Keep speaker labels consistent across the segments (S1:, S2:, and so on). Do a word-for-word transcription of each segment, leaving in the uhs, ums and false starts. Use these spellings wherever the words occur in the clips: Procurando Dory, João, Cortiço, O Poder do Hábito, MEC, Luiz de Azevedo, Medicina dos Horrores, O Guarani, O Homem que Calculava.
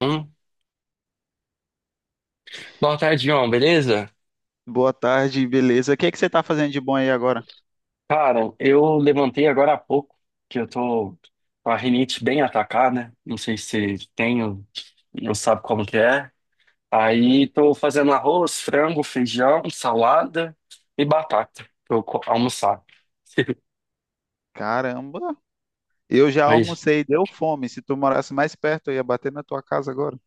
S1: Hum. Boa tarde, João, beleza?
S2: Boa tarde, beleza? O que é que você tá fazendo de bom aí agora?
S1: Cara, eu levantei agora há pouco, que eu tô com a rinite bem atacada, né? Não sei se tenho, não sabe como que é. Aí tô fazendo arroz, frango, feijão, salada e batata pra eu co- almoçar.
S2: Caramba, eu já
S1: Mas,
S2: almocei, deu fome. Se tu morasse mais perto, eu ia bater na tua casa agora.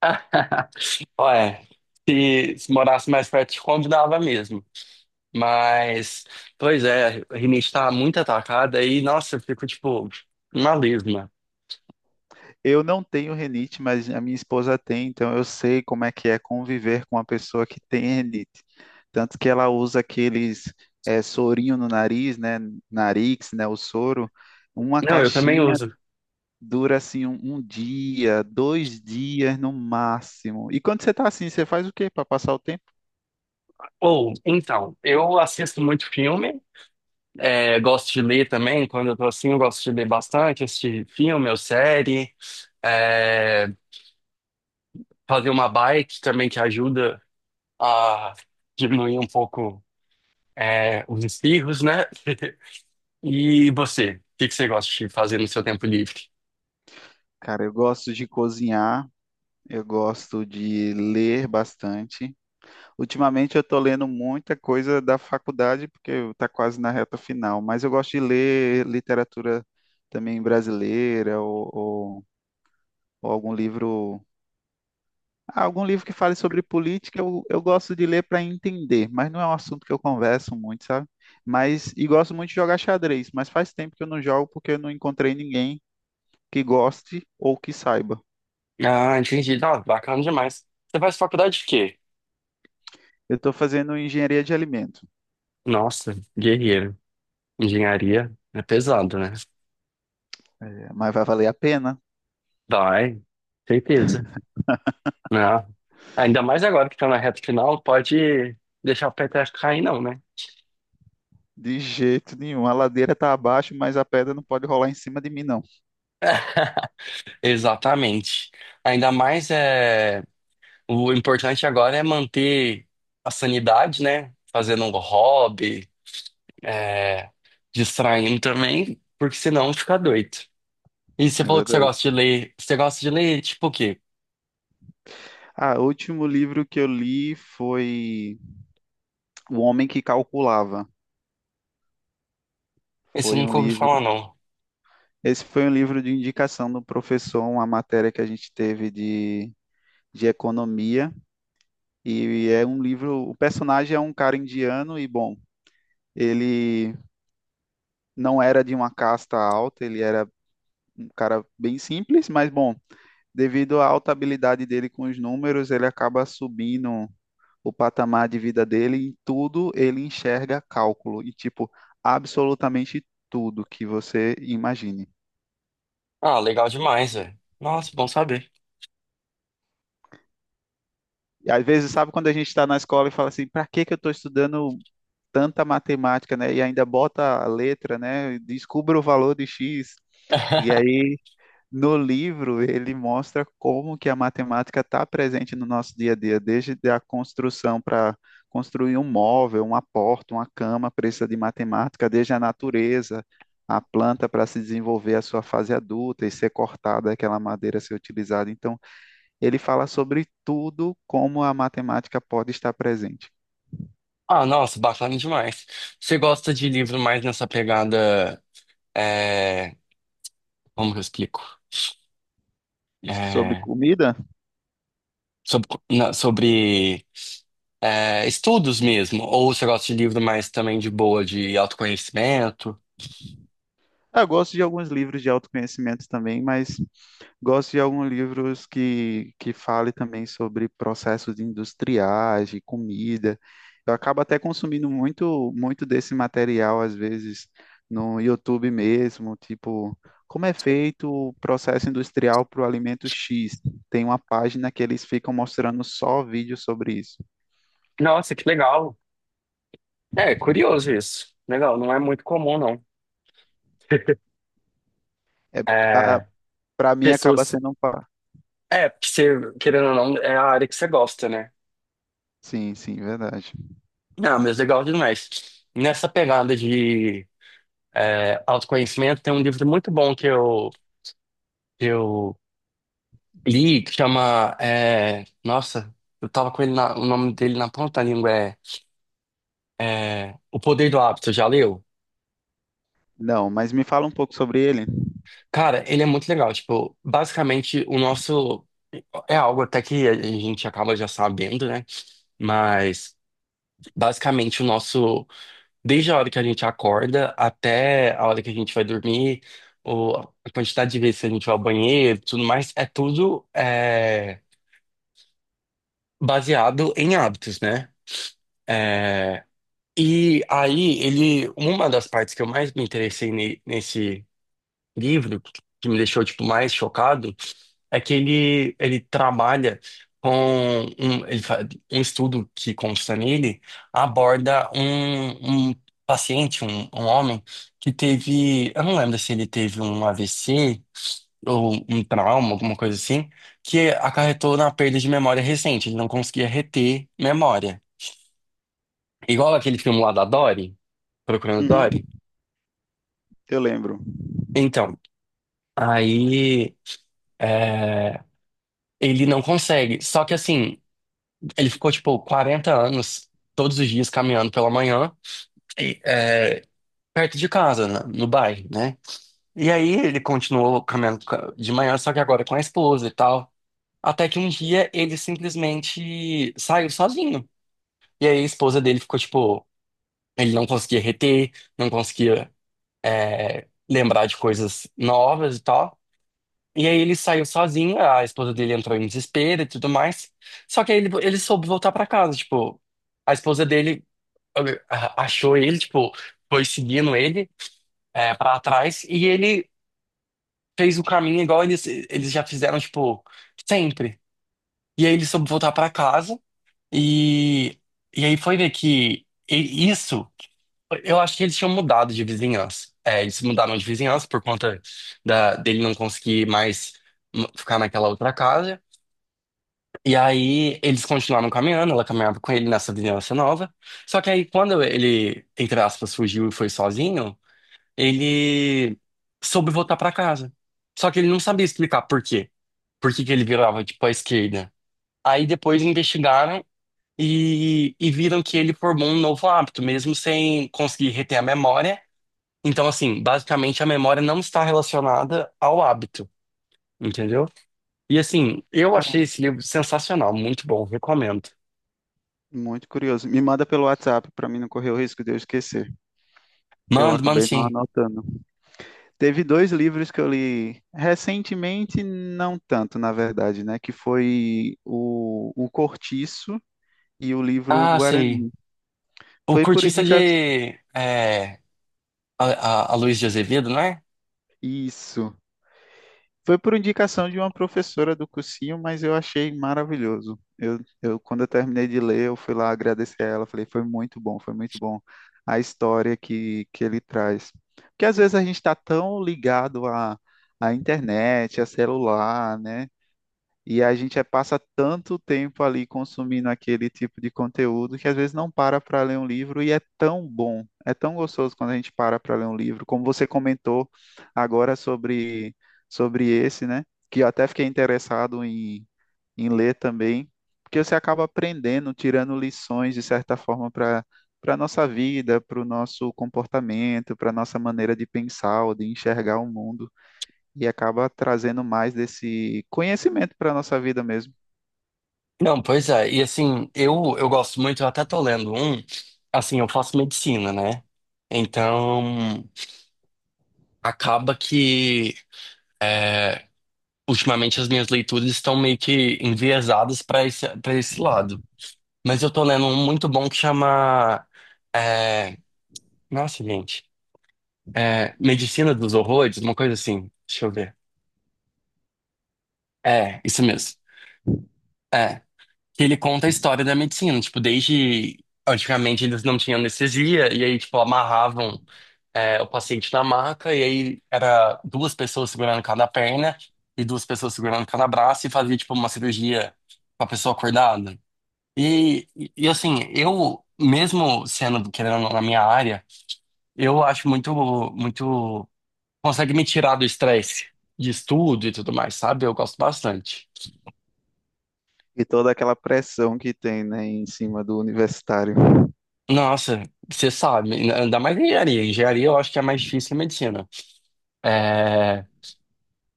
S1: olha, se, se morasse mais perto, te convidava mesmo. Mas, pois é, a rinite tá muito atacada e, nossa, eu fico, tipo, uma lesma.
S2: Eu não tenho renite, mas a minha esposa tem, então eu sei como é que é conviver com uma pessoa que tem renite. Tanto que ela usa aqueles eh, sorinho no nariz, né? Narix, né? O soro. Uma
S1: Não, eu também
S2: caixinha
S1: uso.
S2: dura assim um, um dia, dois dias no máximo. E quando você tá assim, você faz o quê para passar o tempo?
S1: Ou, então, eu assisto muito filme, é, gosto de ler também, quando eu tô assim, eu gosto de ler bastante, assistir filme ou série, é, fazer uma bike também que ajuda a diminuir um pouco, é, os espirros, né? E você, o que que você gosta de fazer no seu tempo livre?
S2: Cara, eu gosto de cozinhar. Eu gosto de ler bastante. Ultimamente eu estou lendo muita coisa da faculdade, porque está quase na reta final, mas eu gosto de ler literatura também brasileira ou, ou- ou algum livro. ah, Algum livro que fale sobre política, eu, eu gosto de ler para entender, mas não é um assunto que eu converso muito, sabe? Mas, e gosto muito de jogar xadrez, mas faz tempo que eu não jogo porque eu não encontrei ninguém que goste ou que saiba.
S1: Ah, entendi. Não, bacana demais. Você faz faculdade de quê?
S2: Eu estou fazendo engenharia de alimento,
S1: Nossa, guerreiro. Engenharia é pesado, né?
S2: mas vai valer a pena?
S1: Vai, certeza. Né? Ainda mais agora que tá na reta final, pode deixar o peteco cair, não, né?
S2: De jeito nenhum. A ladeira tá abaixo, mas a pedra não pode rolar em cima de mim, não.
S1: Exatamente. Ainda mais é o importante agora é manter a sanidade, né? Fazendo um hobby, é, distraindo também, porque senão fica doido. E você
S2: É
S1: falou que você
S2: verdade.
S1: gosta de ler. Você gosta de ler tipo o quê?
S2: Ah, o último livro que eu li foi O Homem que Calculava.
S1: Esse eu
S2: Foi um
S1: nunca ouvi falar,
S2: livro.
S1: não.
S2: Esse foi um livro de indicação do professor, uma matéria que a gente teve de, de economia. E é um livro. O personagem é um cara indiano e, bom, ele não era de uma casta alta, ele era um cara bem simples, mas, bom, devido à alta habilidade dele com os números, ele acaba subindo o patamar de vida dele, em tudo ele enxerga cálculo, e tipo, absolutamente tudo que você imagine.
S1: Ah, legal demais, velho. Nossa, bom saber.
S2: E às vezes, sabe quando a gente está na escola e fala assim, para que que eu estou estudando tanta matemática, né? E ainda bota a letra, né? Descubra o valor de X. E aí no livro, ele mostra como que a matemática está presente no nosso dia a dia, desde a construção para construir um móvel, uma porta, uma cama, precisa de matemática, desde a natureza, a planta para se desenvolver a sua fase adulta e ser cortada, aquela madeira ser utilizada. Então, ele fala sobre tudo como a matemática pode estar presente
S1: Ah, nossa, bacana demais. Você gosta de livro mais nessa pegada? é, Como que eu explico?
S2: sobre
S1: É,
S2: comida.
S1: sobre na- sobre, é, estudos mesmo, ou você gosta de livro mais também de boa, de autoconhecimento?
S2: Ah, eu gosto de alguns livros de autoconhecimento também, mas gosto de alguns livros que, que fale também sobre processos industriais, de comida. Eu acabo até consumindo muito, muito desse material, às vezes, no YouTube mesmo, tipo, como é feito o processo industrial para o alimento X. Tem uma página que eles ficam mostrando só vídeos sobre isso.
S1: Nossa, que legal. É, curioso isso. Legal, não é muito comum, não.
S2: É,
S1: É,
S2: para mim acaba
S1: pessoas.
S2: sendo um... pa-
S1: É, porque você, querendo ou não, é a área que você gosta, né?
S2: Sim, sim, verdade.
S1: Não, mas legal demais. Nessa pegada de é, autoconhecimento, tem um livro muito bom que eu, que eu li, que chama. é, Nossa, eu tava com ele na- o nome dele na ponta da língua. É, é, O Poder do Hábito, já leu?
S2: Não, mas me fala um pouco sobre ele.
S1: Cara, ele é muito legal. Tipo, basicamente, o nosso. É algo até que a gente acaba já sabendo, né? Mas, basicamente, o nosso. Desde a hora que a gente acorda até a hora que a gente vai dormir, ou a quantidade de vezes que a gente vai ao banheiro, tudo mais, é tudo é, baseado em hábitos, né? É, e aí, ele, uma das partes que eu mais me interessei ne- nesse livro, que me deixou tipo mais chocado, é que ele ele trabalha com um, ele fa- um estudo que consta nele aborda um, um paciente, um, um homem que teve, eu não lembro se ele teve um A V C ou um trauma, alguma coisa assim, que acarretou na perda de memória recente, ele não conseguia reter memória. Igual aquele filme lá da Dory. Procurando
S2: Uhum,
S1: Dory?
S2: eu lembro.
S1: Então, aí é, ele não consegue. Só que assim, ele ficou tipo quarenta anos, todos os dias caminhando pela manhã, e, é, perto de casa, né, no bairro, né? E aí ele continuou caminhando ca- de manhã, só que agora com a esposa e tal. Até que um dia ele simplesmente saiu sozinho. E aí a esposa dele ficou tipo, ele não conseguia reter, não conseguia é, lembrar de coisas novas e tal. E aí ele saiu sozinho, a esposa dele entrou em desespero e tudo mais. Só que aí ele, ele soube voltar pra casa, tipo, a esposa dele olha, achou ele, tipo, foi seguindo ele é, para trás e ele fez o caminho igual eles, eles já fizeram, tipo, sempre. E aí ele soube voltar pra casa e, e aí foi ver que e- isso, eu acho que eles tinham mudado de vizinhança. É, eles mudaram de vizinhança por conta da, dele não conseguir mais hum, ficar naquela outra casa. E aí eles continuaram caminhando, ela caminhava com ele nessa vizinhança nova. Só que aí quando ele, entre aspas, fugiu e foi sozinho, ele soube voltar pra casa. Só que ele não sabia explicar por quê. Por que que ele virava, tipo, à esquerda. Aí depois investigaram e, e viram que ele formou um novo hábito, mesmo sem conseguir reter a memória. Então, assim, basicamente a memória não está relacionada ao hábito, entendeu? E assim, eu
S2: Cara,
S1: achei esse livro sensacional, muito bom, recomendo.
S2: muito curioso. Me manda pelo WhatsApp para mim não correr o risco de eu esquecer, que eu
S1: Mando, mando
S2: acabei não
S1: sim.
S2: anotando. Teve dois livros que eu li recentemente, não tanto, na verdade, né? Que foi o, o Cortiço e o livro O
S1: Ah, sei.
S2: Guarani.
S1: O
S2: Foi por
S1: cortiça
S2: indicação.
S1: de é, a, a, a Luiz de Azevedo, não é?
S2: Isso. Foi por indicação de uma professora do cursinho, mas eu achei maravilhoso. Eu, eu, quando eu terminei de ler, eu fui lá agradecer a ela, falei, foi muito bom, foi muito bom a história que, que ele traz. Porque às vezes a gente está tão ligado à, à internet, a celular, né? E a gente é- passa tanto tempo ali consumindo aquele tipo de conteúdo que às vezes não para para ler um livro e é tão bom, é tão gostoso quando a gente para para ler um livro. Como você comentou agora sobre, sobre esse, né? Que eu até fiquei interessado em, em ler também, porque você acaba aprendendo, tirando lições de certa forma para para nossa vida, para o nosso comportamento, para nossa maneira de pensar ou de enxergar o mundo e acaba trazendo mais desse conhecimento para a nossa vida mesmo.
S1: Não, pois é. E assim, eu, eu gosto muito, eu até tô lendo um, assim, eu faço medicina, né? Então, acaba que é, ultimamente as minhas leituras estão meio que enviesadas para esse, para esse lado. Mas eu tô lendo um muito bom que chama. é, Nossa, gente. é, Medicina dos Horrores, uma coisa assim. Deixa eu ver. É, isso mesmo. É, que ele conta a história da medicina, tipo, desde antigamente eles não tinham anestesia, e aí, tipo, amarravam é, o paciente na maca, e aí era duas pessoas segurando cada perna e duas pessoas segurando cada braço, e fazia, tipo, uma cirurgia com a pessoa acordada. E, e assim, eu, mesmo sendo, querendo, ou não, na minha área, eu acho muito, muito, consegue me tirar do estresse de estudo e tudo mais, sabe? Eu gosto bastante.
S2: E toda aquela pressão que tem, né, em cima do universitário.
S1: Nossa, você sabe, ainda mais engenharia. Engenharia eu acho que é mais difícil que medicina. É, é,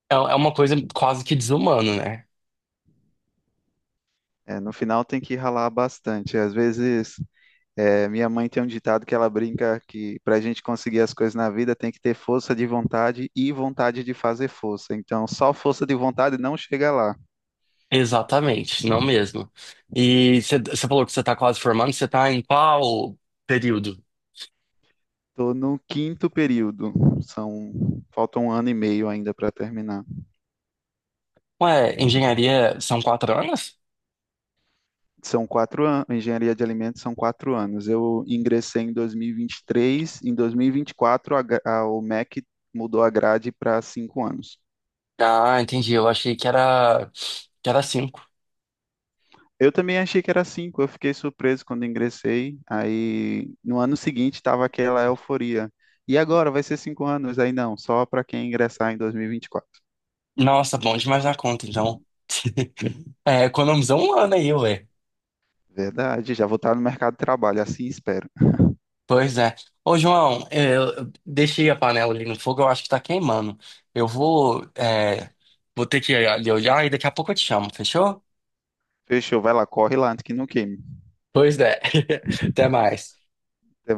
S1: é uma coisa quase que desumana, né?
S2: É, no final tem que ralar bastante. Às vezes, é, minha mãe tem um ditado que ela brinca que para a gente conseguir as coisas na vida tem que ter força de vontade e vontade de fazer força. Então, só força de vontade não chega lá.
S1: Exatamente, não mesmo. E você você falou que você está quase formando, você está em qual período?
S2: Estou no quinto período, são falta um ano e meio ainda para terminar.
S1: Ué, engenharia são quatro anos?
S2: São quatro anos, engenharia de alimentos são quatro anos. Eu ingressei em dois mil e vinte e três, em dois mil e vinte e quatro a, gra- a, o MEC mudou a grade para cinco anos.
S1: Ah, entendi, eu achei que era, que era cinco.
S2: Eu também achei que era cinco, eu fiquei surpreso quando ingressei. Aí no ano seguinte estava aquela euforia. E agora vai ser cinco anos? Aí não, só para quem ingressar em dois mil e vinte e quatro.
S1: Nossa, bom demais na conta, então. É, economizou um ano aí, ué.
S2: Verdade, já vou estar no mercado de trabalho, assim espero.
S1: Pois é. Ô, João, é, eu deixei a panela ali no fogo, eu acho que tá queimando. Eu vou, é, vou ter que ir ali olhar e daqui a pouco eu te chamo, fechou?
S2: Fechou, vai lá, corre lá antes que não queime.
S1: Pois é. Até mais.